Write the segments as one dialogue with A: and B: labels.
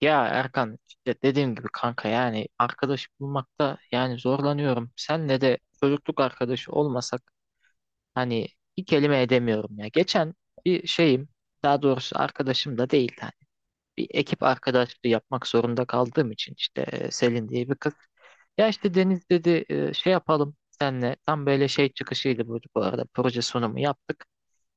A: Ya Erkan işte dediğim gibi kanka, yani arkadaş bulmakta yani zorlanıyorum. Senle de çocukluk arkadaşı olmasak hani bir kelime edemiyorum ya. Geçen bir şeyim, daha doğrusu arkadaşım da değil hani, bir ekip arkadaşlığı yapmak zorunda kaldığım için işte Selin diye bir kız. Ya işte Deniz dedi şey yapalım senle, tam böyle şey çıkışıydı, bu arada proje sunumu yaptık.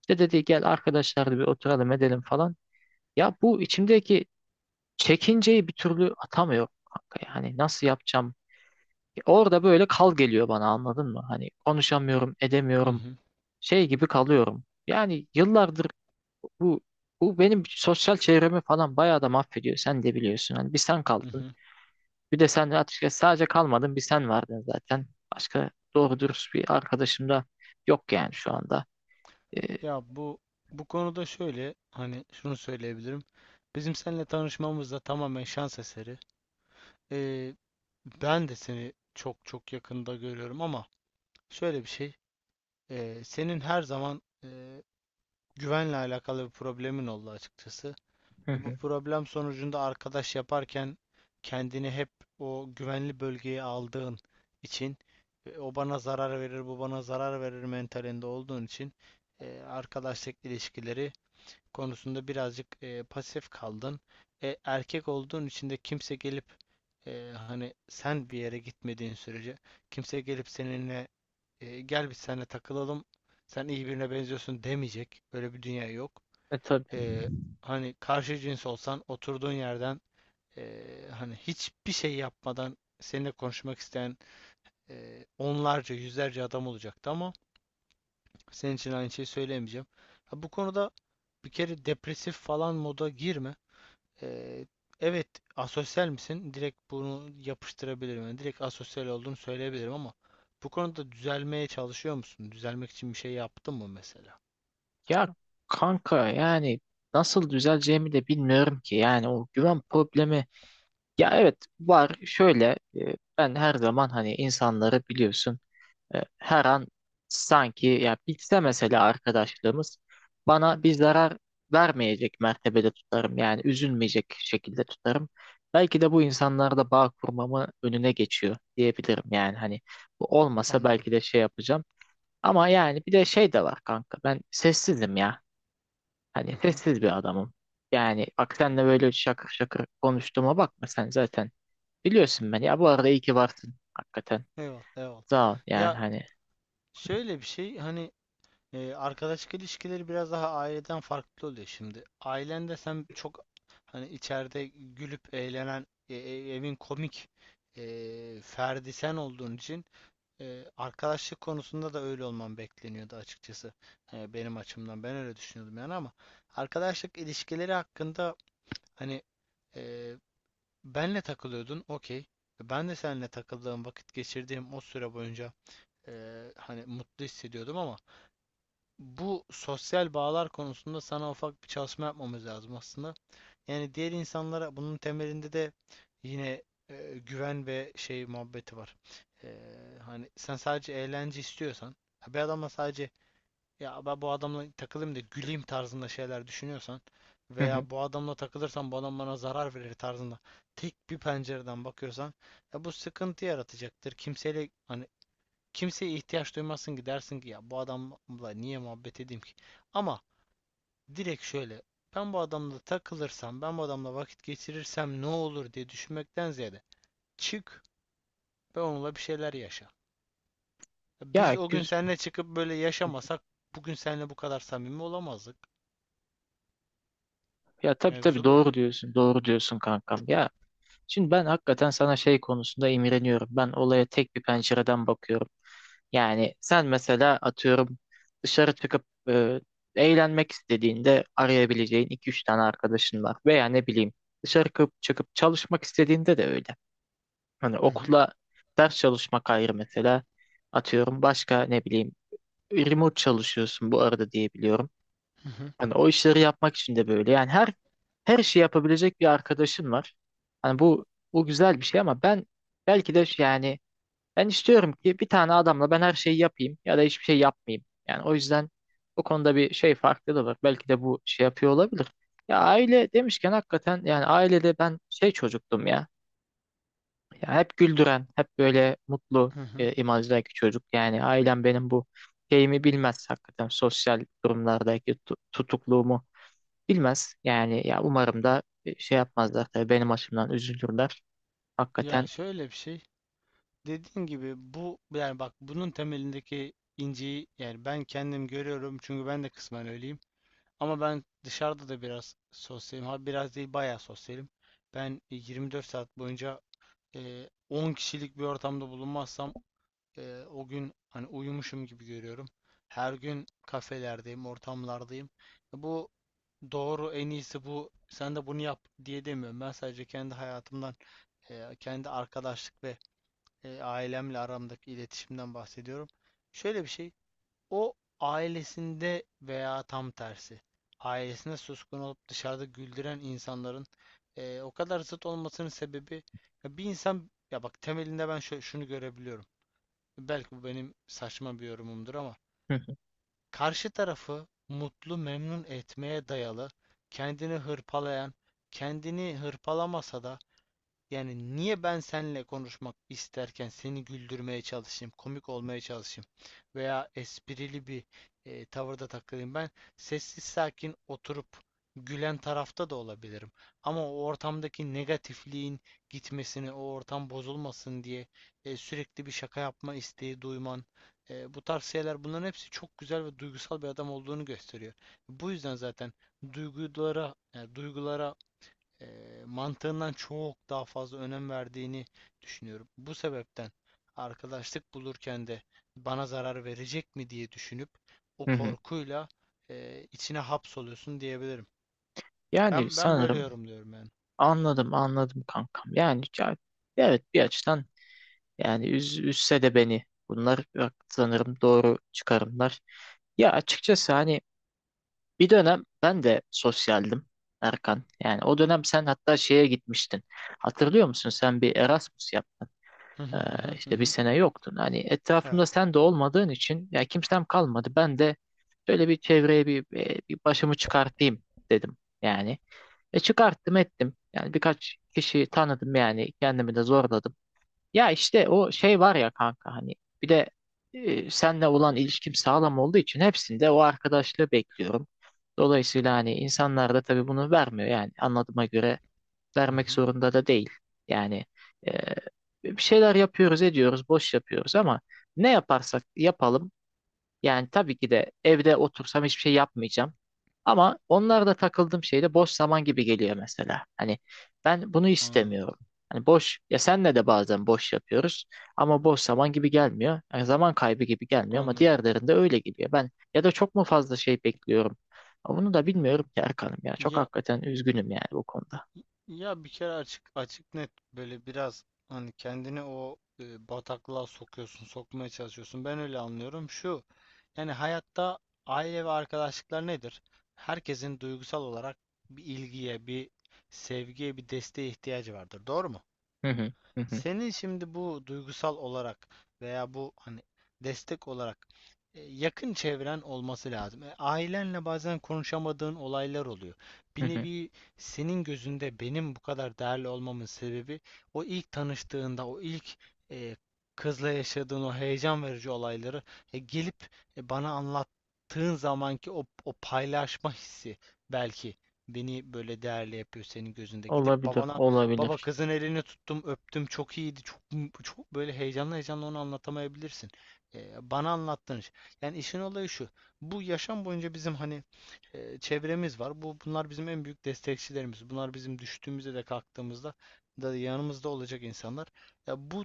A: İşte dedi gel arkadaşlar da bir oturalım edelim falan. Ya bu içimdeki çekinceyi bir türlü atamıyorum kanka. Yani nasıl yapacağım? Orada böyle kal geliyor bana, anladın mı? Hani konuşamıyorum,
B: Hı
A: edemiyorum.
B: hı,
A: Şey gibi kalıyorum. Yani yıllardır bu bu benim sosyal çevremi falan bayağı da mahvediyor. Sen de biliyorsun. Hani bir sen
B: hı
A: kaldın.
B: hı.
A: Bir de sen, açıkçası sadece kalmadın. Bir sen vardın zaten. Başka doğru dürüst bir arkadaşım da yok yani şu anda. Ee,
B: Ya bu konuda şöyle hani şunu söyleyebilirim. Bizim seninle tanışmamız da tamamen şans eseri. Ee, Ben de seni çok çok yakında görüyorum ama şöyle bir şey. Senin her zaman güvenle alakalı bir problemin oldu açıkçası.
A: Hı
B: Bu
A: hı.
B: problem sonucunda arkadaş yaparken kendini hep o güvenli bölgeye aldığın için o bana zarar verir, bu bana zarar verir mentalinde olduğun için arkadaşlık ilişkileri konusunda birazcık pasif kaldın. Erkek olduğun için de kimse gelip hani sen bir yere gitmediğin sürece kimse gelip seninle gel biz seninle takılalım, sen iyi birine benziyorsun demeyecek. Böyle bir dünya yok.
A: E tabii.
B: e, Hani karşı cins olsan oturduğun yerden e, hani hiçbir şey yapmadan seninle konuşmak isteyen onlarca yüzlerce adam olacaktı ama senin için aynı şeyi söyleyemeyeceğim. Ha, bu konuda bir kere depresif falan moda girme. E, evet, asosyal misin? Direkt bunu yapıştırabilirim. Yani direkt asosyal olduğunu söyleyebilirim ama bu konuda düzelmeye çalışıyor musun? Düzelmek için bir şey yaptın mı mesela?
A: Ya kanka yani nasıl düzeleceğimi de bilmiyorum ki. Yani o güven problemi, ya evet var. Şöyle ben her zaman hani insanları biliyorsun. Her an sanki ya bitse mesela arkadaşlığımız, bana bir zarar vermeyecek mertebede tutarım. Yani üzülmeyecek şekilde tutarım. Belki de bu insanlarda bağ kurmamı önüne geçiyor diyebilirim. Yani hani bu olmasa
B: Anladım.
A: belki de şey yapacağım. Ama yani bir de şey de var kanka. Ben sessizim ya.
B: Hı
A: Hani
B: hı.
A: sessiz bir adamım. Yani bak senle böyle şakır şakır konuştuğuma bakma sen zaten. Biliyorsun beni. Ya bu arada iyi ki varsın hakikaten.
B: Eyvallah, eyvallah.
A: Sağ ol. Yani
B: Ya
A: hani.
B: şöyle bir şey hani. Arkadaşlık ilişkileri biraz daha aileden farklı oluyor şimdi. Ailende sen çok, hani içeride gülüp eğlenen, evin komik ferdi sen olduğun için arkadaşlık konusunda da öyle olman bekleniyordu açıkçası. Benim açımdan ben öyle düşünüyordum yani, ama arkadaşlık ilişkileri hakkında hani e, benle takılıyordun, okey. Ben de seninle takıldığım, vakit geçirdiğim o süre boyunca e, hani mutlu hissediyordum ama bu sosyal bağlar konusunda sana ufak bir çalışma yapmamız lazım aslında. Yani diğer insanlara, bunun temelinde de yine güven ve şey muhabbeti var. E, Hani sen sadece eğlence istiyorsan, ha bir adamla sadece ya ben bu adamla takılayım da güleyim tarzında şeyler düşünüyorsan
A: Hı hı.
B: veya bu adamla takılırsam bu adam bana zarar verir tarzında tek bir pencereden bakıyorsan ya bu sıkıntı yaratacaktır. Kimseyle hani Kimseye ihtiyaç duymazsın ki, dersin ki ya bu adamla niye muhabbet edeyim ki? Ama direkt şöyle, ben bu adamla takılırsam, ben bu adamla vakit geçirirsem ne olur diye düşünmekten ziyade çık ve onunla bir şeyler yaşa.
A: Ya
B: Biz o gün
A: güz-
B: seninle çıkıp böyle yaşamasak bugün seninle bu kadar samimi olamazdık.
A: ya tabii tabii,
B: Mevzu bu.
A: doğru diyorsun. Doğru diyorsun kankam. Ya şimdi ben hakikaten sana şey konusunda imreniyorum. Ben olaya tek bir pencereden bakıyorum. Yani sen mesela atıyorum, dışarı çıkıp eğlenmek istediğinde arayabileceğin iki üç tane arkadaşın var. Veya ne bileyim, dışarı çıkıp çalışmak istediğinde de öyle. Hani
B: Hı hı,
A: okula ders çalışmak ayrı mesela. Atıyorum başka ne bileyim, remote çalışıyorsun bu arada diye biliyorum.
B: hı hı,
A: Hani o işleri yapmak için de böyle. Yani her işi yapabilecek bir arkadaşın var. Hani bu güzel bir şey ama ben belki de yani ben istiyorum ki bir tane adamla ben her şeyi yapayım ya da hiçbir şey yapmayayım. Yani o yüzden bu konuda bir şey farklı da var. Belki de bu şey yapıyor olabilir. Ya aile demişken hakikaten, yani ailede ben şey çocuktum ya. Ya hep güldüren, hep böyle mutlu
B: hı hı.
A: imajdaki çocuk. Yani ailem benim bu şeyimi bilmez hakikaten, sosyal durumlardaki tutukluğumu bilmez. Yani ya umarım da şey yapmazlar, tabii benim açımdan üzülürler.
B: Ya
A: Hakikaten.
B: şöyle bir şey. Dediğin gibi bu, yani bak bunun temelindeki inciyi yani ben kendim görüyorum çünkü ben de kısmen öyleyim. Ama ben dışarıda da biraz sosyalim. Ha biraz değil, bayağı sosyalim. Ben 24 saat boyunca 10 kişilik bir ortamda bulunmazsam o gün hani uyumuşum gibi görüyorum. Her gün kafelerdeyim, ortamlardayım. Bu doğru, en iyisi bu. Sen de bunu yap diye demiyorum. Ben sadece kendi hayatımdan, kendi arkadaşlık ve ailemle aramdaki iletişimden bahsediyorum. Şöyle bir şey. O ailesinde veya tam tersi ailesinde suskun olup dışarıda güldüren insanların o kadar zıt olmasının sebebi, ya bir insan, ya bak, temelinde ben şunu görebiliyorum. Belki bu benim saçma bir yorumumdur ama
A: Hı hı.
B: karşı tarafı mutlu memnun etmeye dayalı, kendini hırpalayan, kendini hırpalamasa da, yani niye ben seninle konuşmak isterken seni güldürmeye çalışayım, komik olmaya çalışayım veya esprili bir tavırda takılayım? Ben sessiz sakin oturup gülen tarafta da olabilirim. Ama o ortamdaki negatifliğin gitmesini, o ortam bozulmasın diye sürekli bir şaka yapma isteği duyman, bu tarz şeyler, bunların hepsi çok güzel ve duygusal bir adam olduğunu gösteriyor. Bu yüzden zaten duygulara, e, mantığından çok daha fazla önem verdiğini düşünüyorum. Bu sebepten arkadaşlık bulurken de bana zarar verecek mi diye düşünüp, o
A: Hı hı.
B: korkuyla içine hapsoluyorsun diyebilirim.
A: Yani
B: Ben böyle
A: sanırım.
B: yorumluyorum yani.
A: Anladım, anladım kankam. Yani evet, bir açıdan, yani üzse de beni bunlar bak, sanırım doğru çıkarımlar. Ya açıkçası hani bir dönem ben de sosyaldim Erkan. Yani o dönem sen hatta şeye gitmiştin. Hatırlıyor musun? Sen bir Erasmus yaptın.
B: Hı hı hı hı
A: İşte bir
B: hı.
A: sene yoktun. Hani
B: Evet.
A: etrafımda sen de olmadığın için ya kimsem kalmadı. Ben de şöyle bir çevreye bir başımı çıkartayım dedim. Yani. E çıkarttım ettim. Yani birkaç kişiyi tanıdım, yani kendimi de zorladım. Ya işte o şey var ya kanka, hani bir de seninle olan ilişkim sağlam olduğu için hepsinde o arkadaşlığı bekliyorum. Dolayısıyla hani insanlar da tabii bunu vermiyor, yani anladığıma göre
B: Hı
A: vermek
B: hı.
A: zorunda da değil. Yani e, bir şeyler yapıyoruz ediyoruz, boş yapıyoruz ama ne yaparsak yapalım, yani tabii ki de evde otursam hiçbir şey yapmayacağım. Ama onlarda takıldığım şey de boş zaman gibi geliyor mesela. Hani ben bunu
B: Anladım,
A: istemiyorum. Hani boş, ya senle de bazen boş yapıyoruz ama boş zaman gibi gelmiyor. Yani zaman kaybı gibi gelmiyor, ama
B: anladım.
A: diğerlerinde öyle geliyor. Ben ya da çok mu fazla şey bekliyorum? Ama bunu da bilmiyorum ki Erkan'ım ya. Çok
B: Ya
A: hakikaten üzgünüm yani bu konuda.
B: Ya bir kere açık açık net böyle biraz hani kendini o bataklığa sokuyorsun, sokmaya çalışıyorsun. Ben öyle anlıyorum. Şu, yani hayatta aile ve arkadaşlıklar nedir? Herkesin duygusal olarak bir ilgiye, bir sevgiye, bir desteğe ihtiyacı vardır. Doğru mu?
A: Hı hı, hı hı,
B: Senin şimdi bu duygusal olarak veya bu hani destek olarak yakın çevren olması lazım. Ailenle bazen konuşamadığın olaylar oluyor.
A: hı
B: Bir
A: hı.
B: nevi senin gözünde benim bu kadar değerli olmamın sebebi, o ilk tanıştığında, o ilk e, kızla yaşadığın o heyecan verici olayları gelip bana anlattığın zamanki o paylaşma hissi belki beni böyle değerli yapıyor senin gözünde. Gidip
A: Olabilir,
B: babana, "Baba,
A: olabilir.
B: kızın elini tuttum, öptüm. Çok iyiydi." Çok çok böyle, heyecanlı heyecanlı onu anlatamayabilirsin. Bana anlattığın iş. Yani işin olayı şu. Bu yaşam boyunca bizim hani çevremiz var. Bunlar bizim en büyük destekçilerimiz. Bunlar bizim düştüğümüzde de kalktığımızda da yanımızda olacak insanlar. Ya bu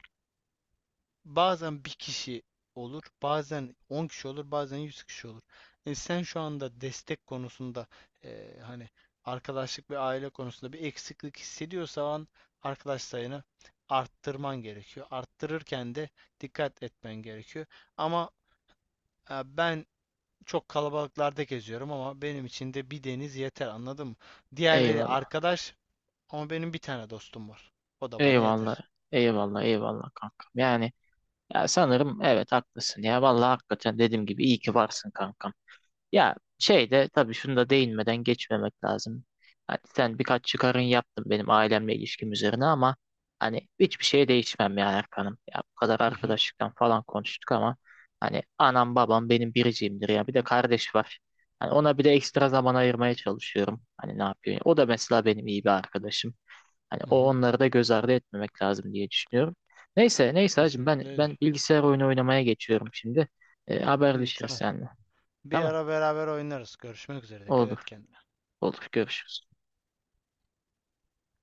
B: Bazen bir kişi olur, bazen 10 kişi olur, bazen 100 kişi olur. Sen şu anda destek konusunda, hani arkadaşlık ve aile konusunda bir eksiklik hissediyorsan arkadaş sayını arttırman gerekiyor. Arttırırken de dikkat etmen gerekiyor. Ama ben çok kalabalıklarda geziyorum ama benim için de bir deniz yeter, anladın mı? Diğerleri
A: Eyvallah.
B: arkadaş ama benim bir tane dostum var. O da bana
A: Eyvallah.
B: yeter.
A: Eyvallah, eyvallah kankam. Yani ya, sanırım evet, haklısın ya. Vallahi hakikaten dediğim gibi iyi ki varsın kankam. Ya şey de, tabii şunu da değinmeden geçmemek lazım. Hani sen birkaç çıkarın yaptın benim ailemle ilişkim üzerine ama hani hiçbir şeye değişmem ya Erkan'ım. Ya bu kadar
B: Hı hı,
A: arkadaşlıktan falan konuştuk ama hani anam babam benim biricimdir ya. Bir de kardeş var. Hani ona bir de ekstra zaman ayırmaya çalışıyorum. Hani ne yapıyor? O da mesela benim iyi bir arkadaşım. Hani
B: hı
A: o,
B: hı.
A: onları da göz ardı etmemek lazım diye düşünüyorum. Neyse neyse hacım, ben
B: Kesinlikle öyle.
A: ben bilgisayar oyunu oynamaya geçiyorum şimdi. E,
B: İyi,
A: haberleşiriz
B: tamam.
A: seninle.
B: Bir
A: Tamam.
B: ara beraber oynarız. Görüşmek üzere. Dikkat et
A: Olur.
B: kendine.
A: Olur, görüşürüz.